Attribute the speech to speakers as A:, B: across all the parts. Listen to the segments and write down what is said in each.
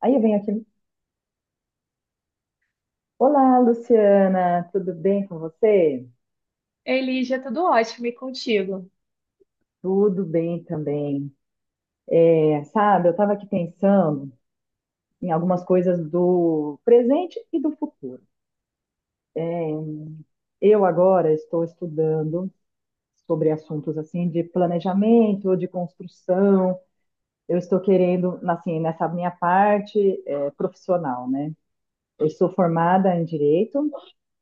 A: Aí vem aquele: olá, Luciana, tudo bem com você?
B: Elígia, tudo ótimo e contigo.
A: Tudo bem também. Eu estava aqui pensando em algumas coisas do presente e do futuro. Eu agora estou estudando sobre assuntos assim de planejamento, de construção. Eu estou querendo, assim, nessa minha parte profissional, né? Eu sou formada em direito,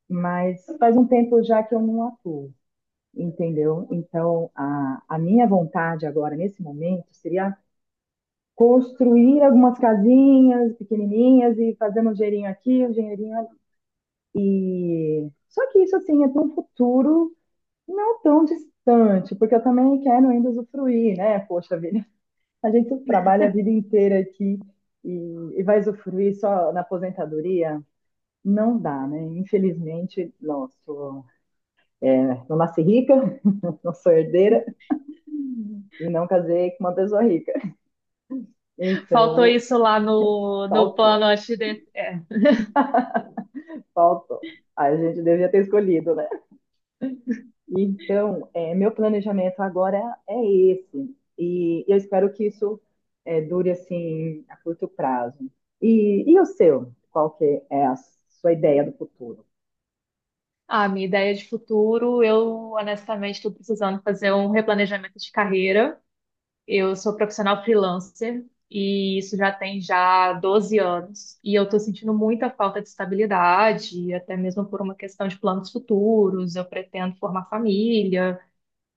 A: mas faz um tempo já que eu não atuo, entendeu? Então, a minha vontade agora, nesse momento, seria construir algumas casinhas pequenininhas e fazer um dinheirinho aqui, um dinheirinho ali. Só que isso, assim, é para um futuro não tão distante, porque eu também quero ainda usufruir, né? Poxa vida, a gente trabalha a vida inteira aqui e, e vai usufruir só na aposentadoria? Não dá, né? Infelizmente, não nasci rica, não sou herdeira e não casei com uma pessoa rica.
B: Faltou
A: Então,
B: isso lá no
A: faltou,
B: plano antes de é.
A: faltou. A gente devia ter escolhido, né? Meu planejamento agora é esse. E eu espero que isso dure assim a curto prazo. E o seu? Qual que é a sua ideia do futuro?
B: Ah, minha ideia de futuro, eu honestamente estou precisando fazer um replanejamento de carreira. Eu sou profissional freelancer e isso já tem já 12 anos. E eu estou sentindo muita falta de estabilidade, até mesmo por uma questão de planos futuros. Eu pretendo formar família.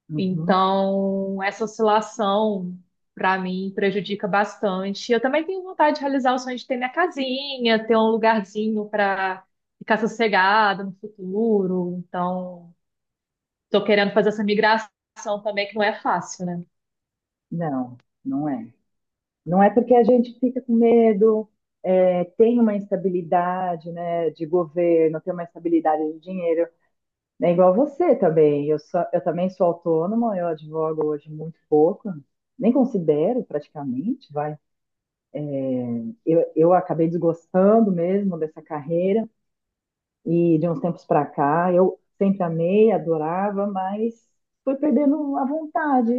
A: Uhum.
B: Então, essa oscilação, para mim, prejudica bastante. Eu também tenho vontade de realizar o sonho de ter minha casinha, ter um lugarzinho para ficar sossegada no futuro. Então, estou querendo fazer essa migração também, que não é fácil, né?
A: Não, não é. Não é porque a gente fica com medo, é, tem uma instabilidade, né, de governo, tem uma instabilidade de dinheiro. É igual você também. Eu também sou autônoma, eu advogo hoje muito pouco, nem considero praticamente, vai. Eu acabei desgostando mesmo dessa carreira e de uns tempos para cá eu sempre amei, adorava, mas fui perdendo a vontade.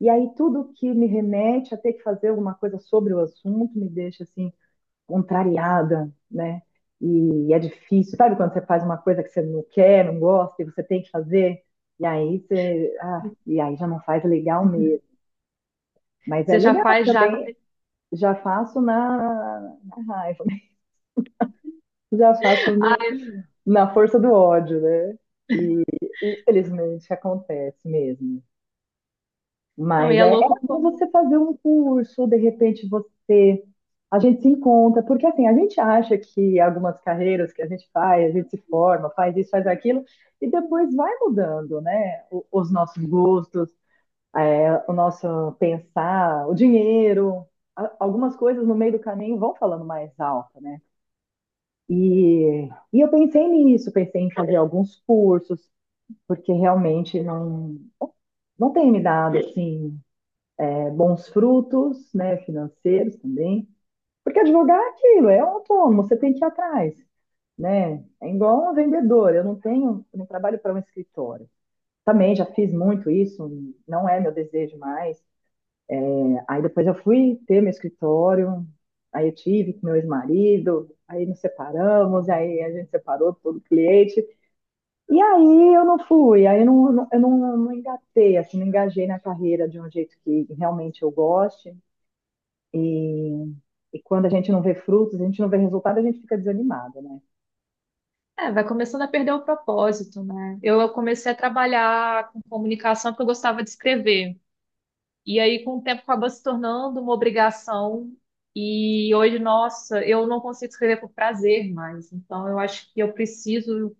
A: E aí tudo que me remete a ter que fazer alguma coisa sobre o assunto me deixa assim contrariada, né? E é difícil, sabe quando você faz uma coisa que você não quer, não gosta, e você tem que fazer, e aí e aí já não faz legal mesmo. Mas é
B: Você já
A: legal
B: faz já. Com
A: também,
B: aquele
A: já faço na raiva, né? já faço no- na força do ódio, né? E infelizmente acontece mesmo.
B: não, e é
A: É
B: louco
A: bom
B: como.
A: você fazer um curso, de repente você. A gente se encontra, porque assim, a gente acha que algumas carreiras que a gente faz, a gente se forma, faz isso, faz aquilo, e depois vai mudando, né? O- os nossos gostos, o nosso pensar, o dinheiro, a- algumas coisas no meio do caminho vão falando mais alto, né? E, e eu pensei nisso, pensei em fazer alguns cursos, porque realmente não tem me dado assim bons frutos, né, financeiros também. Porque advogar é aquilo, é um autônomo, você tem que ir atrás, né? É igual um vendedor, eu não trabalho para um escritório. Também já fiz muito isso, não é meu desejo mais. Aí depois eu fui ter meu escritório, aí eu tive com meu ex-marido, aí nos separamos, aí a gente separou todo o cliente. E aí eu não engatei, assim, não engajei na carreira de um jeito que realmente eu goste. E E quando a gente não vê frutos, a gente não vê resultado, a gente fica desanimado, né?
B: É, vai começando a perder o propósito, né? Eu comecei a trabalhar com comunicação porque eu gostava de escrever. E aí, com o tempo, acabou se tornando uma obrigação. E hoje, nossa, eu não consigo escrever por prazer mais. Então, eu acho que eu preciso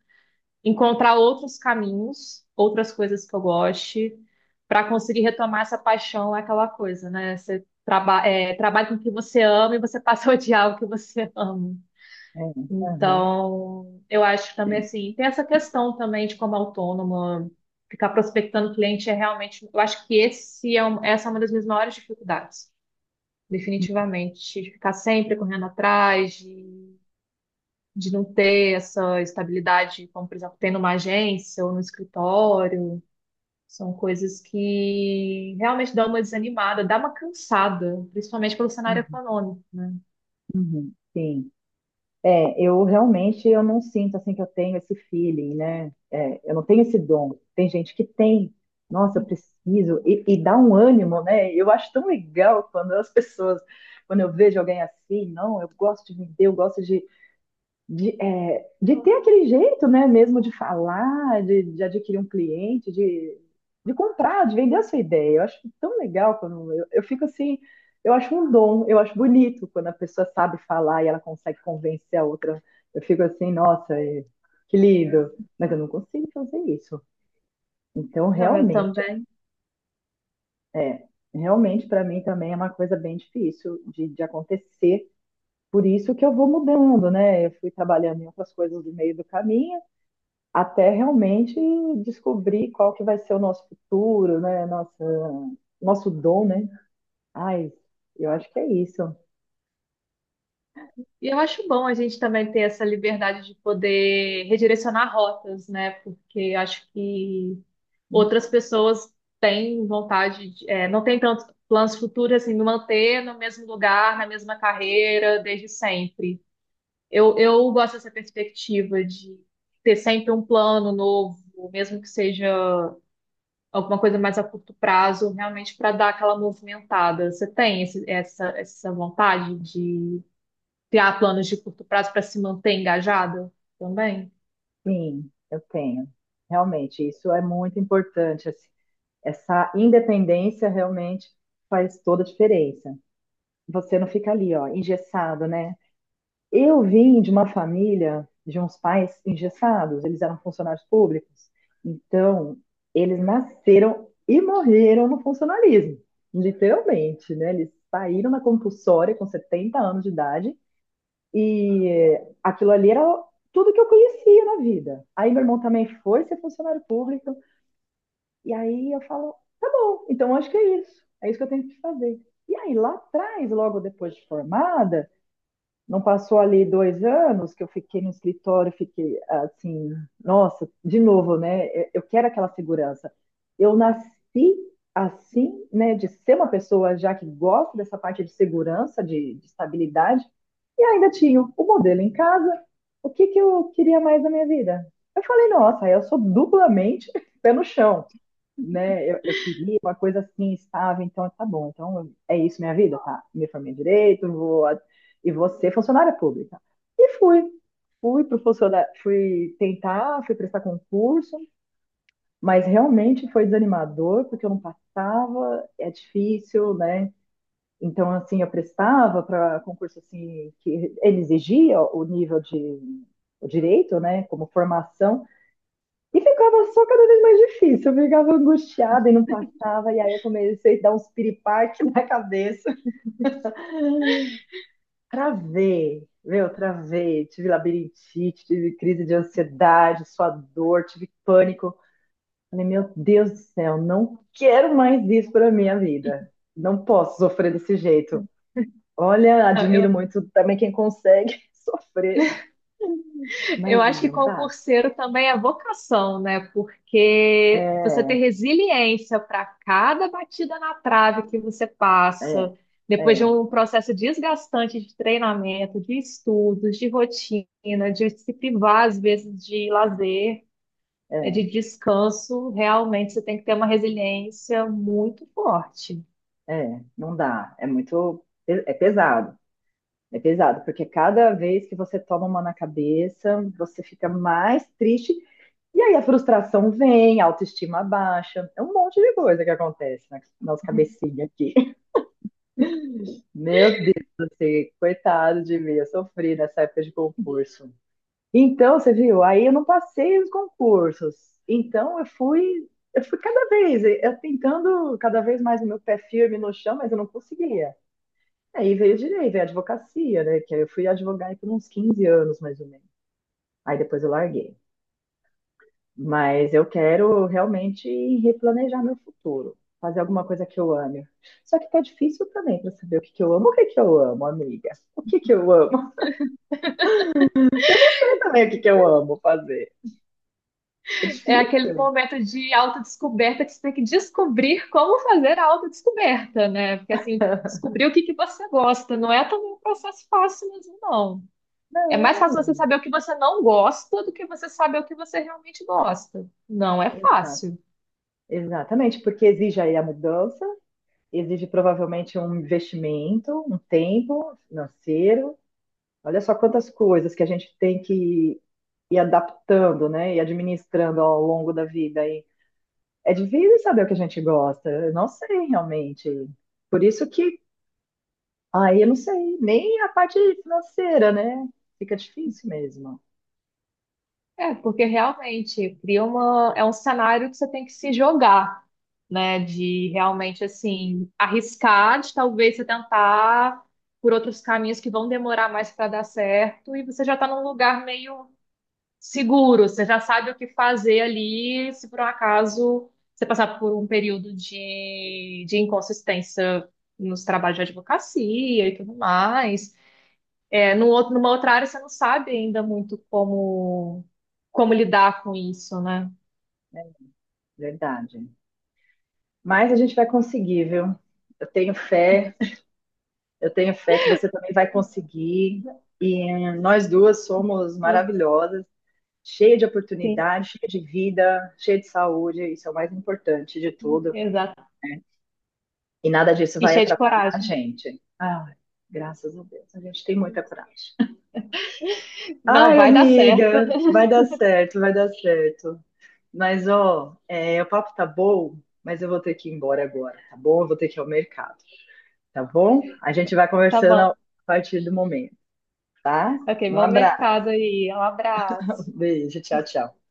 B: encontrar outros caminhos, outras coisas que eu goste, para conseguir retomar essa paixão, aquela coisa, né? Trabalha com o que você ama e você passa a odiar o que você ama.
A: É, aham,
B: Então, eu acho que também assim, tem essa questão também de, como autônoma, ficar prospectando cliente é realmente, eu acho que essa é uma das minhas maiores dificuldades, definitivamente, de ficar sempre correndo atrás, de não ter essa estabilidade, como por exemplo, tem numa agência ou no escritório, são coisas que realmente dão uma desanimada, dá uma cansada, principalmente pelo cenário
A: uhum,
B: econômico.
A: uhum, sim. É, eu realmente eu não sinto assim que eu tenho esse feeling, né? É, eu não tenho esse dom. Tem gente que tem. Nossa, eu preciso. E dá um ânimo, né? Eu acho tão legal quando as pessoas, quando eu vejo alguém assim, não, eu gosto de vender, eu gosto de, é, de ter aquele jeito, né, mesmo de falar, de adquirir um cliente, de comprar, de vender a sua ideia. Eu fico assim, eu acho um dom, eu acho bonito quando a pessoa sabe falar e ela consegue convencer a outra. Eu fico assim, que lindo, mas eu não consigo fazer isso. Então,
B: Não, eu
A: realmente,
B: também.
A: é, realmente para mim também é uma coisa bem difícil de acontecer. Por isso que eu vou mudando, né? Eu fui trabalhando em outras coisas no meio do caminho, até realmente descobrir qual que vai ser o nosso futuro, né? Nossa, nosso dom, né? Ai, eu acho que é isso.
B: E eu acho bom a gente também ter essa liberdade de poder redirecionar rotas, né? Porque acho que outras pessoas têm vontade de, não têm tantos planos futuros assim, me manter no mesmo lugar, na mesma carreira, desde sempre. Eu gosto dessa perspectiva de ter sempre um plano novo, mesmo que seja alguma coisa mais a curto prazo, realmente para dar aquela movimentada. Você tem essa vontade, criar planos de curto prazo para se manter engajado também?
A: Sim, eu tenho. Realmente, isso é muito importante, assim. Essa independência realmente faz toda a diferença. Você não fica ali, ó, engessado, né? Eu vim de uma família de uns pais engessados, eles eram funcionários públicos. Então, eles nasceram e morreram no funcionalismo, literalmente, né? Eles saíram na compulsória com 70 anos de idade e aquilo ali era tudo que eu conhecia na vida. Aí meu irmão também foi ser funcionário público e aí eu falo, tá bom, então acho que é isso que eu tenho que fazer. E aí lá atrás, logo depois de formada, não passou ali 2 anos que eu fiquei no escritório, fiquei assim, nossa, de novo, né? Eu quero aquela segurança. Eu nasci assim, né, de ser uma pessoa já que gosta dessa parte de segurança, de estabilidade, e ainda tinha o modelo em casa. O que que eu queria mais da minha vida? Eu falei, nossa, eu sou duplamente pé no chão, né? Eu queria uma coisa assim, estável, então tá bom. Então é isso, minha vida, tá? Me formei em direito, e vou ser funcionária pública. E fui. Fui pro funcionário, fui tentar, fui prestar concurso, mas realmente foi desanimador, porque eu não passava, é difícil, né? Então, assim, eu prestava para concurso assim que ele exigia o nível de o direito, né, como formação e ficava só cada vez mais difícil. Eu ficava angustiada e não passava. E aí eu comecei a dar uns piripaque na cabeça. Travei, meu, travei. Tive labirintite, tive crise de ansiedade, suador, tive pânico. Falei, meu Deus do céu, não quero mais isso para minha vida. Não posso sofrer desse jeito. Olha,
B: Não,
A: admiro muito também quem consegue sofrer,
B: eu
A: mas
B: acho que
A: não dá.
B: concurseiro também é vocação, né? Porque você ter
A: É,
B: resiliência para cada batida na trave que você
A: é,
B: passa, depois de
A: é,
B: um processo desgastante de treinamento, de estudos, de rotina, de se privar às vezes de lazer, de
A: é,
B: descanso, realmente você tem que ter uma resiliência muito forte.
A: não dá. É pesado. É pesado, porque cada vez que você toma uma na cabeça, você fica mais triste. E aí a frustração vem, a autoestima baixa. É um monte de coisa que acontece na nossa cabecinha aqui. Meu Deus, você, coitado de mim, eu sofri nessa época de concurso. Então, você viu, aí eu não passei os concursos. Então, eu fui cada vez, eu tentando cada vez mais o meu pé firme no chão, mas eu não conseguia. Aí veio direito, veio advocacia, né? Que aí eu fui advogar por uns 15 anos, mais ou menos. Aí depois eu larguei. Mas eu quero realmente replanejar meu futuro, fazer alguma coisa que eu ame. Só que tá difícil também para saber o que que eu amo. O que que eu amo, amiga? O que que eu amo? Eu não sei também o que que eu amo fazer. É
B: É aquele
A: difícil.
B: momento de autodescoberta que você tem que descobrir como fazer a autodescoberta, né? Porque assim, descobrir o que que você gosta não é também um processo fácil mesmo, não. É mais fácil você
A: Não,
B: saber o que você não gosta do que você saber o que você realmente gosta. Não é
A: exato.
B: fácil.
A: Exatamente, porque exige aí a mudança, exige provavelmente um investimento, um tempo financeiro. Olha só quantas coisas que a gente tem que ir adaptando, né? E administrando ao longo da vida. E é difícil saber o que a gente gosta. Eu não sei realmente. Por isso que, aí eu não sei, nem a parte financeira, né? Fica difícil mesmo.
B: É, porque realmente cria uma, é um cenário que você tem que se jogar, né? De realmente assim arriscar, de talvez você tentar por outros caminhos que vão demorar mais para dar certo, e você já está num lugar meio seguro, você já sabe o que fazer ali, se por um acaso você passar por um período de inconsistência nos trabalhos de advocacia e tudo mais. É, no outro, numa outra área você não sabe ainda muito como, como lidar com isso, né?
A: É verdade. Mas a gente vai conseguir, viu? Eu tenho fé, eu tenho fé que você também vai conseguir. E nós duas somos maravilhosas, cheia de
B: Sim,
A: oportunidade, cheia de vida, cheia de saúde, isso é o mais importante de tudo.
B: exato.
A: E nada disso
B: E
A: vai
B: cheio de
A: atrapalhar a
B: coragem.
A: gente. Ai, graças a Deus, a gente tem muita coragem.
B: Não,
A: Ai,
B: vai dar certo.
A: amiga, vai dar certo, vai dar certo. O papo tá bom, mas eu vou ter que ir embora agora, tá bom? Eu vou ter que ir ao mercado, tá bom? A gente vai
B: Tá
A: conversando a
B: bom.
A: partir do momento, tá?
B: Ok,
A: Um
B: bom
A: abraço,
B: mercado aí. Um abraço.
A: beijo, tchau, tchau.